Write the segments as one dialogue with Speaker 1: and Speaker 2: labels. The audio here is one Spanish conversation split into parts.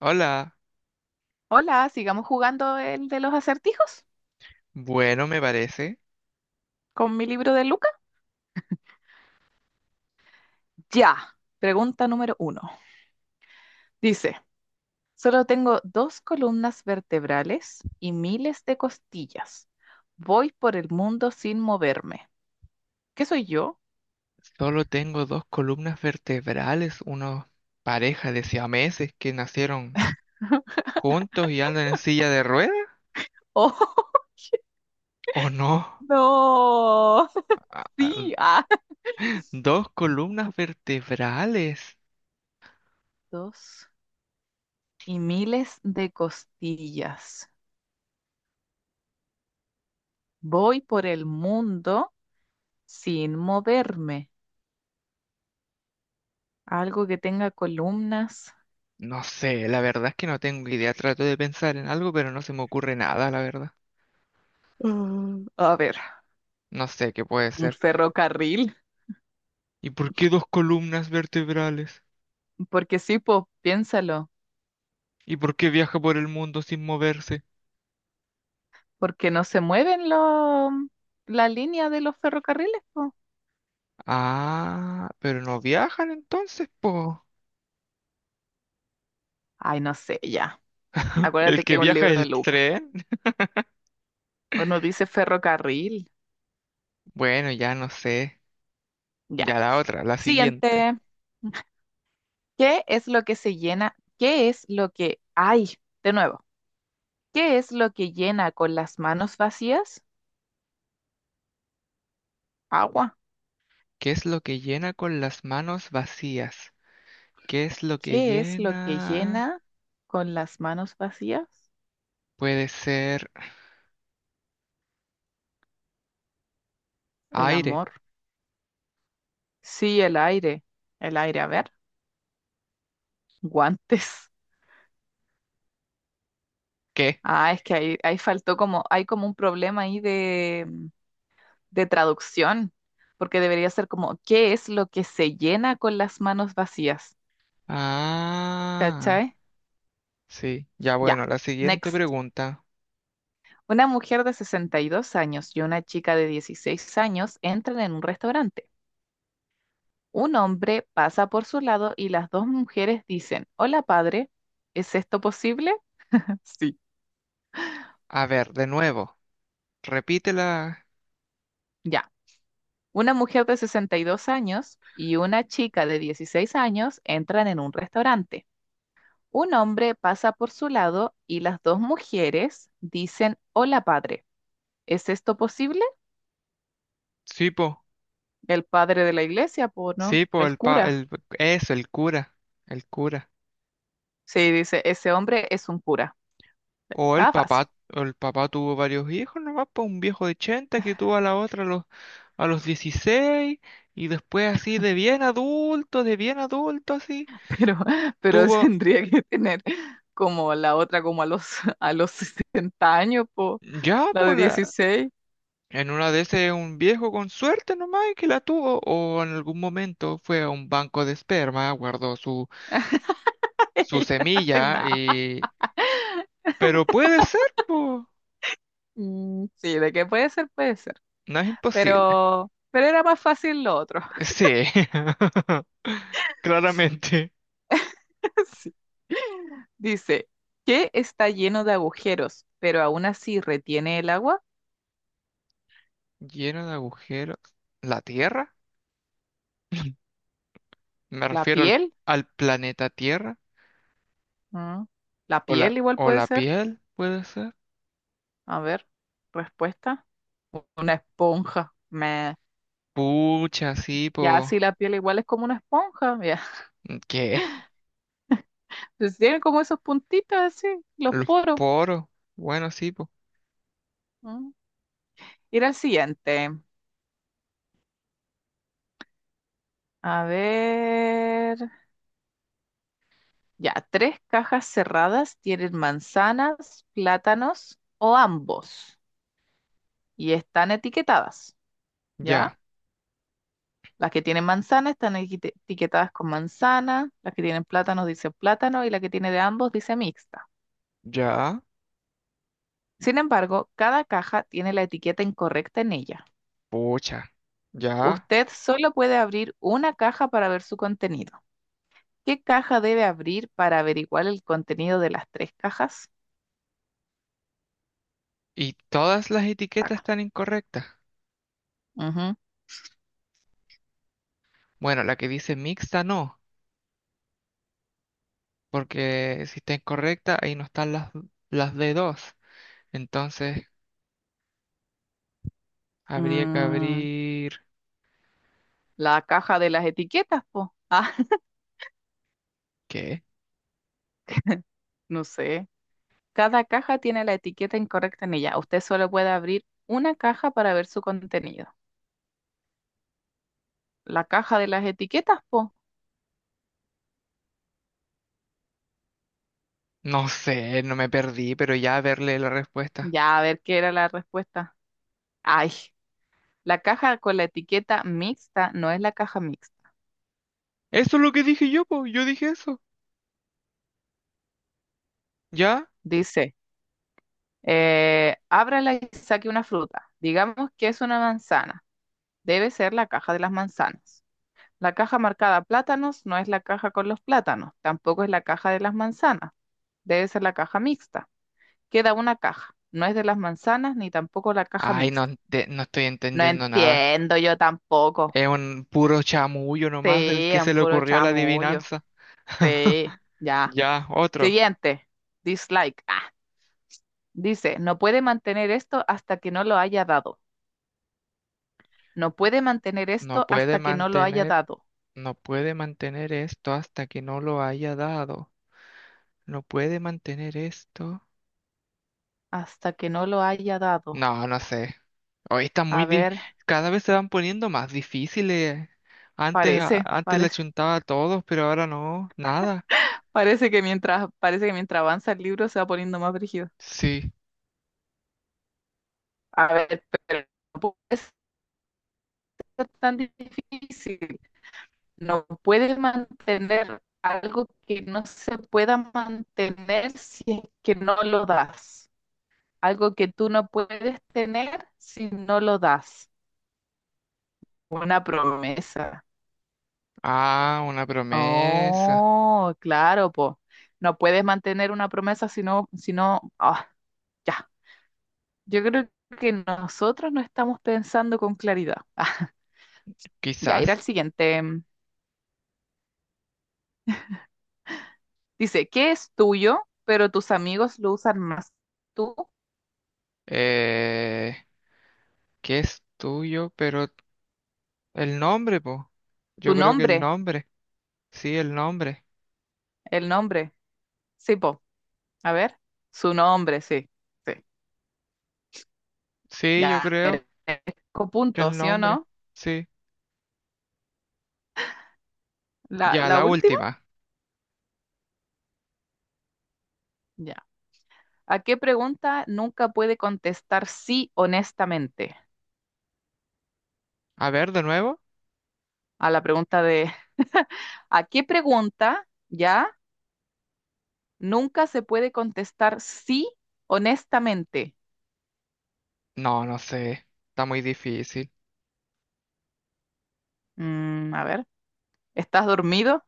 Speaker 1: Hola,
Speaker 2: Hola, sigamos jugando el de los acertijos
Speaker 1: bueno me parece.
Speaker 2: con mi libro de Luca. Ya. Pregunta número 1. Dice, solo tengo dos columnas vertebrales y miles de costillas. Voy por el mundo sin moverme. ¿Qué soy yo?
Speaker 1: Solo tengo dos columnas vertebrales, una pareja de siameses que nacieron juntos y andan en silla de ruedas,
Speaker 2: Oh,
Speaker 1: ¿o no?
Speaker 2: no.
Speaker 1: Ah, ah,
Speaker 2: Sí. Ah.
Speaker 1: dos columnas vertebrales.
Speaker 2: Dos y miles de costillas. Voy por el mundo sin moverme. Algo que tenga columnas.
Speaker 1: No sé, la verdad es que no tengo idea. Trato de pensar en algo, pero no se me ocurre nada, la verdad.
Speaker 2: A ver.
Speaker 1: No sé qué puede
Speaker 2: Un
Speaker 1: ser.
Speaker 2: ferrocarril,
Speaker 1: ¿Y por qué dos columnas vertebrales?
Speaker 2: porque sí, pues piénsalo,
Speaker 1: ¿Y por qué viaja por el mundo sin moverse?
Speaker 2: porque no se mueven los la línea de los ferrocarriles, po.
Speaker 1: Ah, pero no viajan entonces, po.
Speaker 2: Ay, no sé, ya.
Speaker 1: El
Speaker 2: Acuérdate que
Speaker 1: que
Speaker 2: es un
Speaker 1: viaja
Speaker 2: libro de
Speaker 1: el
Speaker 2: Lucas.
Speaker 1: tren.
Speaker 2: Bueno, dice ferrocarril.
Speaker 1: Bueno, ya no sé.
Speaker 2: Ya.
Speaker 1: Ya la otra, la siguiente.
Speaker 2: Siguiente. ¿Qué es lo que se llena? ¿Qué es lo que... Ay, de nuevo. ¿Qué es lo que llena con las manos vacías? Agua.
Speaker 1: ¿Qué es lo que llena con las manos vacías? ¿Qué es lo que
Speaker 2: ¿Qué es lo que
Speaker 1: llena?
Speaker 2: llena con las manos vacías?
Speaker 1: Puede ser
Speaker 2: El
Speaker 1: aire.
Speaker 2: amor. Sí, el aire. El aire, a ver. Guantes.
Speaker 1: ¿Qué?
Speaker 2: Ah, es que ahí faltó como, hay como un problema ahí de, de traducción, porque debería ser como, ¿qué es lo que se llena con las manos vacías?
Speaker 1: Ah,
Speaker 2: ¿Cachai?
Speaker 1: sí. Ya
Speaker 2: Ya,
Speaker 1: bueno, la siguiente
Speaker 2: next.
Speaker 1: pregunta.
Speaker 2: Una mujer de 62 años y una chica de 16 años entran en un restaurante. Un hombre pasa por su lado y las dos mujeres dicen, hola, padre, ¿es esto posible? Sí.
Speaker 1: A ver, de nuevo. Repítela.
Speaker 2: Ya. Una mujer de 62 años y una chica de 16 años entran en un restaurante. Un hombre pasa por su lado y las dos mujeres dicen, hola, padre. ¿Es esto posible?
Speaker 1: Sí, po.
Speaker 2: El padre de la iglesia, pues no,
Speaker 1: Sí, po,
Speaker 2: el
Speaker 1: el pa,
Speaker 2: cura.
Speaker 1: el, eso, el cura. El cura.
Speaker 2: Sí, dice, ese hombre es un cura. Estaba fácil,
Speaker 1: O el papá tuvo varios hijos nomás, pues un viejo de 80 que tuvo a la otra a los 16 y después así de bien adulto así,
Speaker 2: pero, pero
Speaker 1: tuvo
Speaker 2: tendría que tener como la otra, como a los, a los 60 años, pues,
Speaker 1: ya
Speaker 2: la
Speaker 1: por
Speaker 2: de
Speaker 1: la...
Speaker 2: 16.
Speaker 1: En una de esas un viejo con suerte nomás y que la tuvo o en algún momento fue a un banco de esperma, guardó su, su
Speaker 2: Ay,
Speaker 1: semilla
Speaker 2: no.
Speaker 1: y... Pero puede ser, pues,
Speaker 2: Sí, de qué puede ser, puede ser.
Speaker 1: no es imposible.
Speaker 2: Pero era más fácil lo otro.
Speaker 1: Sí, claramente.
Speaker 2: Sí. Dice, ¿qué está lleno de agujeros, pero aún así retiene el agua?
Speaker 1: Lleno de agujeros. ¿La Tierra? Me
Speaker 2: ¿La
Speaker 1: refiero al,
Speaker 2: piel?
Speaker 1: al planeta Tierra.
Speaker 2: Mm, ¿La piel igual
Speaker 1: O
Speaker 2: puede
Speaker 1: la
Speaker 2: ser?
Speaker 1: piel, puede ser.
Speaker 2: A ver, respuesta. Una esponja. Meh.
Speaker 1: Pucha, sí,
Speaker 2: Ya,
Speaker 1: po.
Speaker 2: sí, la piel igual es como una esponja. Ya.
Speaker 1: ¿Qué?
Speaker 2: Entonces tiene como esos puntitos así, los
Speaker 1: Los
Speaker 2: poros.
Speaker 1: poros. Bueno, sí, po.
Speaker 2: Mm. Ir al siguiente. A ver. Ya, tres cajas cerradas tienen manzanas, plátanos o ambos y están etiquetadas, ¿ya?
Speaker 1: Ya,
Speaker 2: Las que tienen manzana están etiquetadas con manzana, las que tienen plátanos dicen plátano y la que tiene de ambos dice mixta.
Speaker 1: ya.
Speaker 2: Sin embargo, cada caja tiene la etiqueta incorrecta en ella.
Speaker 1: Pucha, ya.
Speaker 2: Usted solo puede abrir una caja para ver su contenido. ¿Qué caja debe abrir para averiguar el contenido de las tres cajas?
Speaker 1: Y todas las
Speaker 2: La
Speaker 1: etiquetas
Speaker 2: caja.
Speaker 1: están incorrectas. Bueno, la que dice mixta no, porque si está incorrecta, ahí no están las de dos. Entonces, habría que
Speaker 2: Ujú.
Speaker 1: abrir...
Speaker 2: La caja de las etiquetas, po. Ah,
Speaker 1: ¿Qué?
Speaker 2: no sé. Cada caja tiene la etiqueta incorrecta en ella. Usted solo puede abrir una caja para ver su contenido. La caja de las etiquetas, po.
Speaker 1: No sé, no me perdí, pero ya verle la respuesta.
Speaker 2: Ya, a ver qué era la respuesta. Ay, la caja con la etiqueta mixta no es la caja mixta.
Speaker 1: Eso es lo que dije yo, po. Yo dije eso. ¿Ya?
Speaker 2: Dice, ábrala y saque una fruta. Digamos que es una manzana. Debe ser la caja de las manzanas. La caja marcada plátanos no es la caja con los plátanos, tampoco es la caja de las manzanas, debe ser la caja mixta. Queda una caja, no es de las manzanas ni tampoco la caja
Speaker 1: Ay, no,
Speaker 2: mixta.
Speaker 1: ente- no estoy
Speaker 2: No
Speaker 1: entendiendo nada.
Speaker 2: entiendo yo tampoco.
Speaker 1: Es un puro chamullo nomás del
Speaker 2: Sí,
Speaker 1: que se
Speaker 2: un
Speaker 1: le
Speaker 2: puro
Speaker 1: ocurrió la
Speaker 2: chamullo.
Speaker 1: adivinanza.
Speaker 2: Sí, ya.
Speaker 1: Ya, otro.
Speaker 2: Siguiente, dislike. Ah, dice, no puede mantener esto hasta que no lo haya dado. No puede mantener
Speaker 1: No
Speaker 2: esto
Speaker 1: puede
Speaker 2: hasta que no lo haya
Speaker 1: mantener,
Speaker 2: dado.
Speaker 1: no puede mantener esto hasta que no lo haya dado. No puede mantener esto.
Speaker 2: Hasta que no lo haya dado.
Speaker 1: No, no sé. Hoy está muy
Speaker 2: A
Speaker 1: di-
Speaker 2: ver,
Speaker 1: cada vez se van poniendo más difíciles. Antes, a-
Speaker 2: parece,
Speaker 1: antes le
Speaker 2: parece.
Speaker 1: chuntaba a todos, pero ahora no, nada.
Speaker 2: Parece que mientras avanza el libro se va poniendo más brígido.
Speaker 1: Sí.
Speaker 2: A ver, pero no puede ser tan difícil. No puede mantener algo que no se pueda mantener si es que no lo das. Algo que tú no puedes tener si no lo das. Una promesa.
Speaker 1: Ah, una promesa.
Speaker 2: Oh, claro, po. No puedes mantener una promesa si no, si no, ah, ya. Yo creo que nosotros no estamos pensando con claridad. Ah, ya, ir
Speaker 1: Quizás.
Speaker 2: al siguiente. Dice, ¿qué es tuyo, pero tus amigos lo usan más? Tú,
Speaker 1: Eh, ¿Qué es tuyo? Pero el nombre, po.
Speaker 2: tu
Speaker 1: Yo creo que el
Speaker 2: nombre,
Speaker 1: nombre. Sí, el nombre.
Speaker 2: el nombre. Sí, po. A ver, su nombre, sí. Sí.
Speaker 1: Sí, yo
Speaker 2: Ya,
Speaker 1: creo
Speaker 2: merezco
Speaker 1: que el
Speaker 2: puntos, ¿sí o
Speaker 1: nombre.
Speaker 2: no?
Speaker 1: Sí.
Speaker 2: La,
Speaker 1: Ya,
Speaker 2: la
Speaker 1: la
Speaker 2: última,
Speaker 1: última.
Speaker 2: ya. ¿A qué pregunta nunca puede contestar sí honestamente?
Speaker 1: A ver, de nuevo.
Speaker 2: A la pregunta de, ¿a qué pregunta, ya? Nunca se puede contestar sí honestamente.
Speaker 1: No, no sé. Está muy difícil.
Speaker 2: A ver, ¿estás dormido?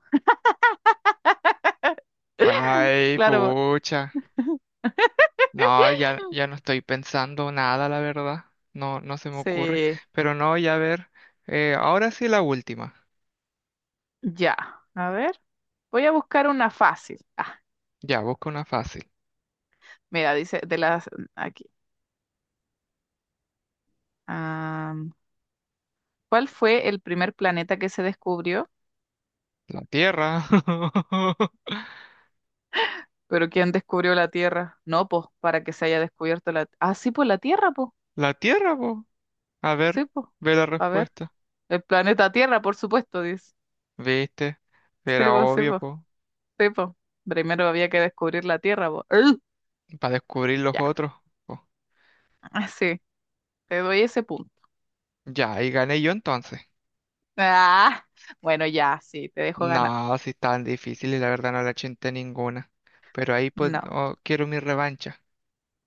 Speaker 1: Ay,
Speaker 2: Claro,
Speaker 1: pucha. No, ya, ya no estoy pensando nada, la verdad. No, no se me ocurre.
Speaker 2: sí.
Speaker 1: Pero no, ya a ver. Ahora sí la última.
Speaker 2: Ya, a ver. Voy a buscar una fácil. Ah,
Speaker 1: Ya, busco una fácil.
Speaker 2: mira, dice de las aquí. Am, ¿Cuál fue el primer planeta que se descubrió?
Speaker 1: La Tierra.
Speaker 2: ¿Pero quién descubrió la Tierra? No, pues, para que se haya descubierto la... Ah, sí, pues la Tierra, pues.
Speaker 1: La Tierra, po. A
Speaker 2: Sí,
Speaker 1: ver,
Speaker 2: pues.
Speaker 1: ve la
Speaker 2: A ver.
Speaker 1: respuesta.
Speaker 2: El planeta Tierra, por supuesto, dice.
Speaker 1: ¿Viste?
Speaker 2: Sí,
Speaker 1: Era
Speaker 2: pues, sí,
Speaker 1: obvio,
Speaker 2: pues.
Speaker 1: po.
Speaker 2: Sí, pues. Primero había que descubrir la Tierra, pues. ¡Ugh!
Speaker 1: Para descubrir los
Speaker 2: Ya.
Speaker 1: otros, po.
Speaker 2: Ah, sí, te doy ese punto.
Speaker 1: Ya, y gané yo entonces.
Speaker 2: Ah, bueno, ya, sí, te dejo ganar.
Speaker 1: No, si tan difícil y la verdad no la chinté ninguna. Pero ahí pues
Speaker 2: No,
Speaker 1: oh, quiero mi revancha.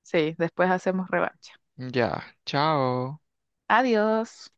Speaker 2: sí, después hacemos revancha.
Speaker 1: Ya, chao.
Speaker 2: Adiós.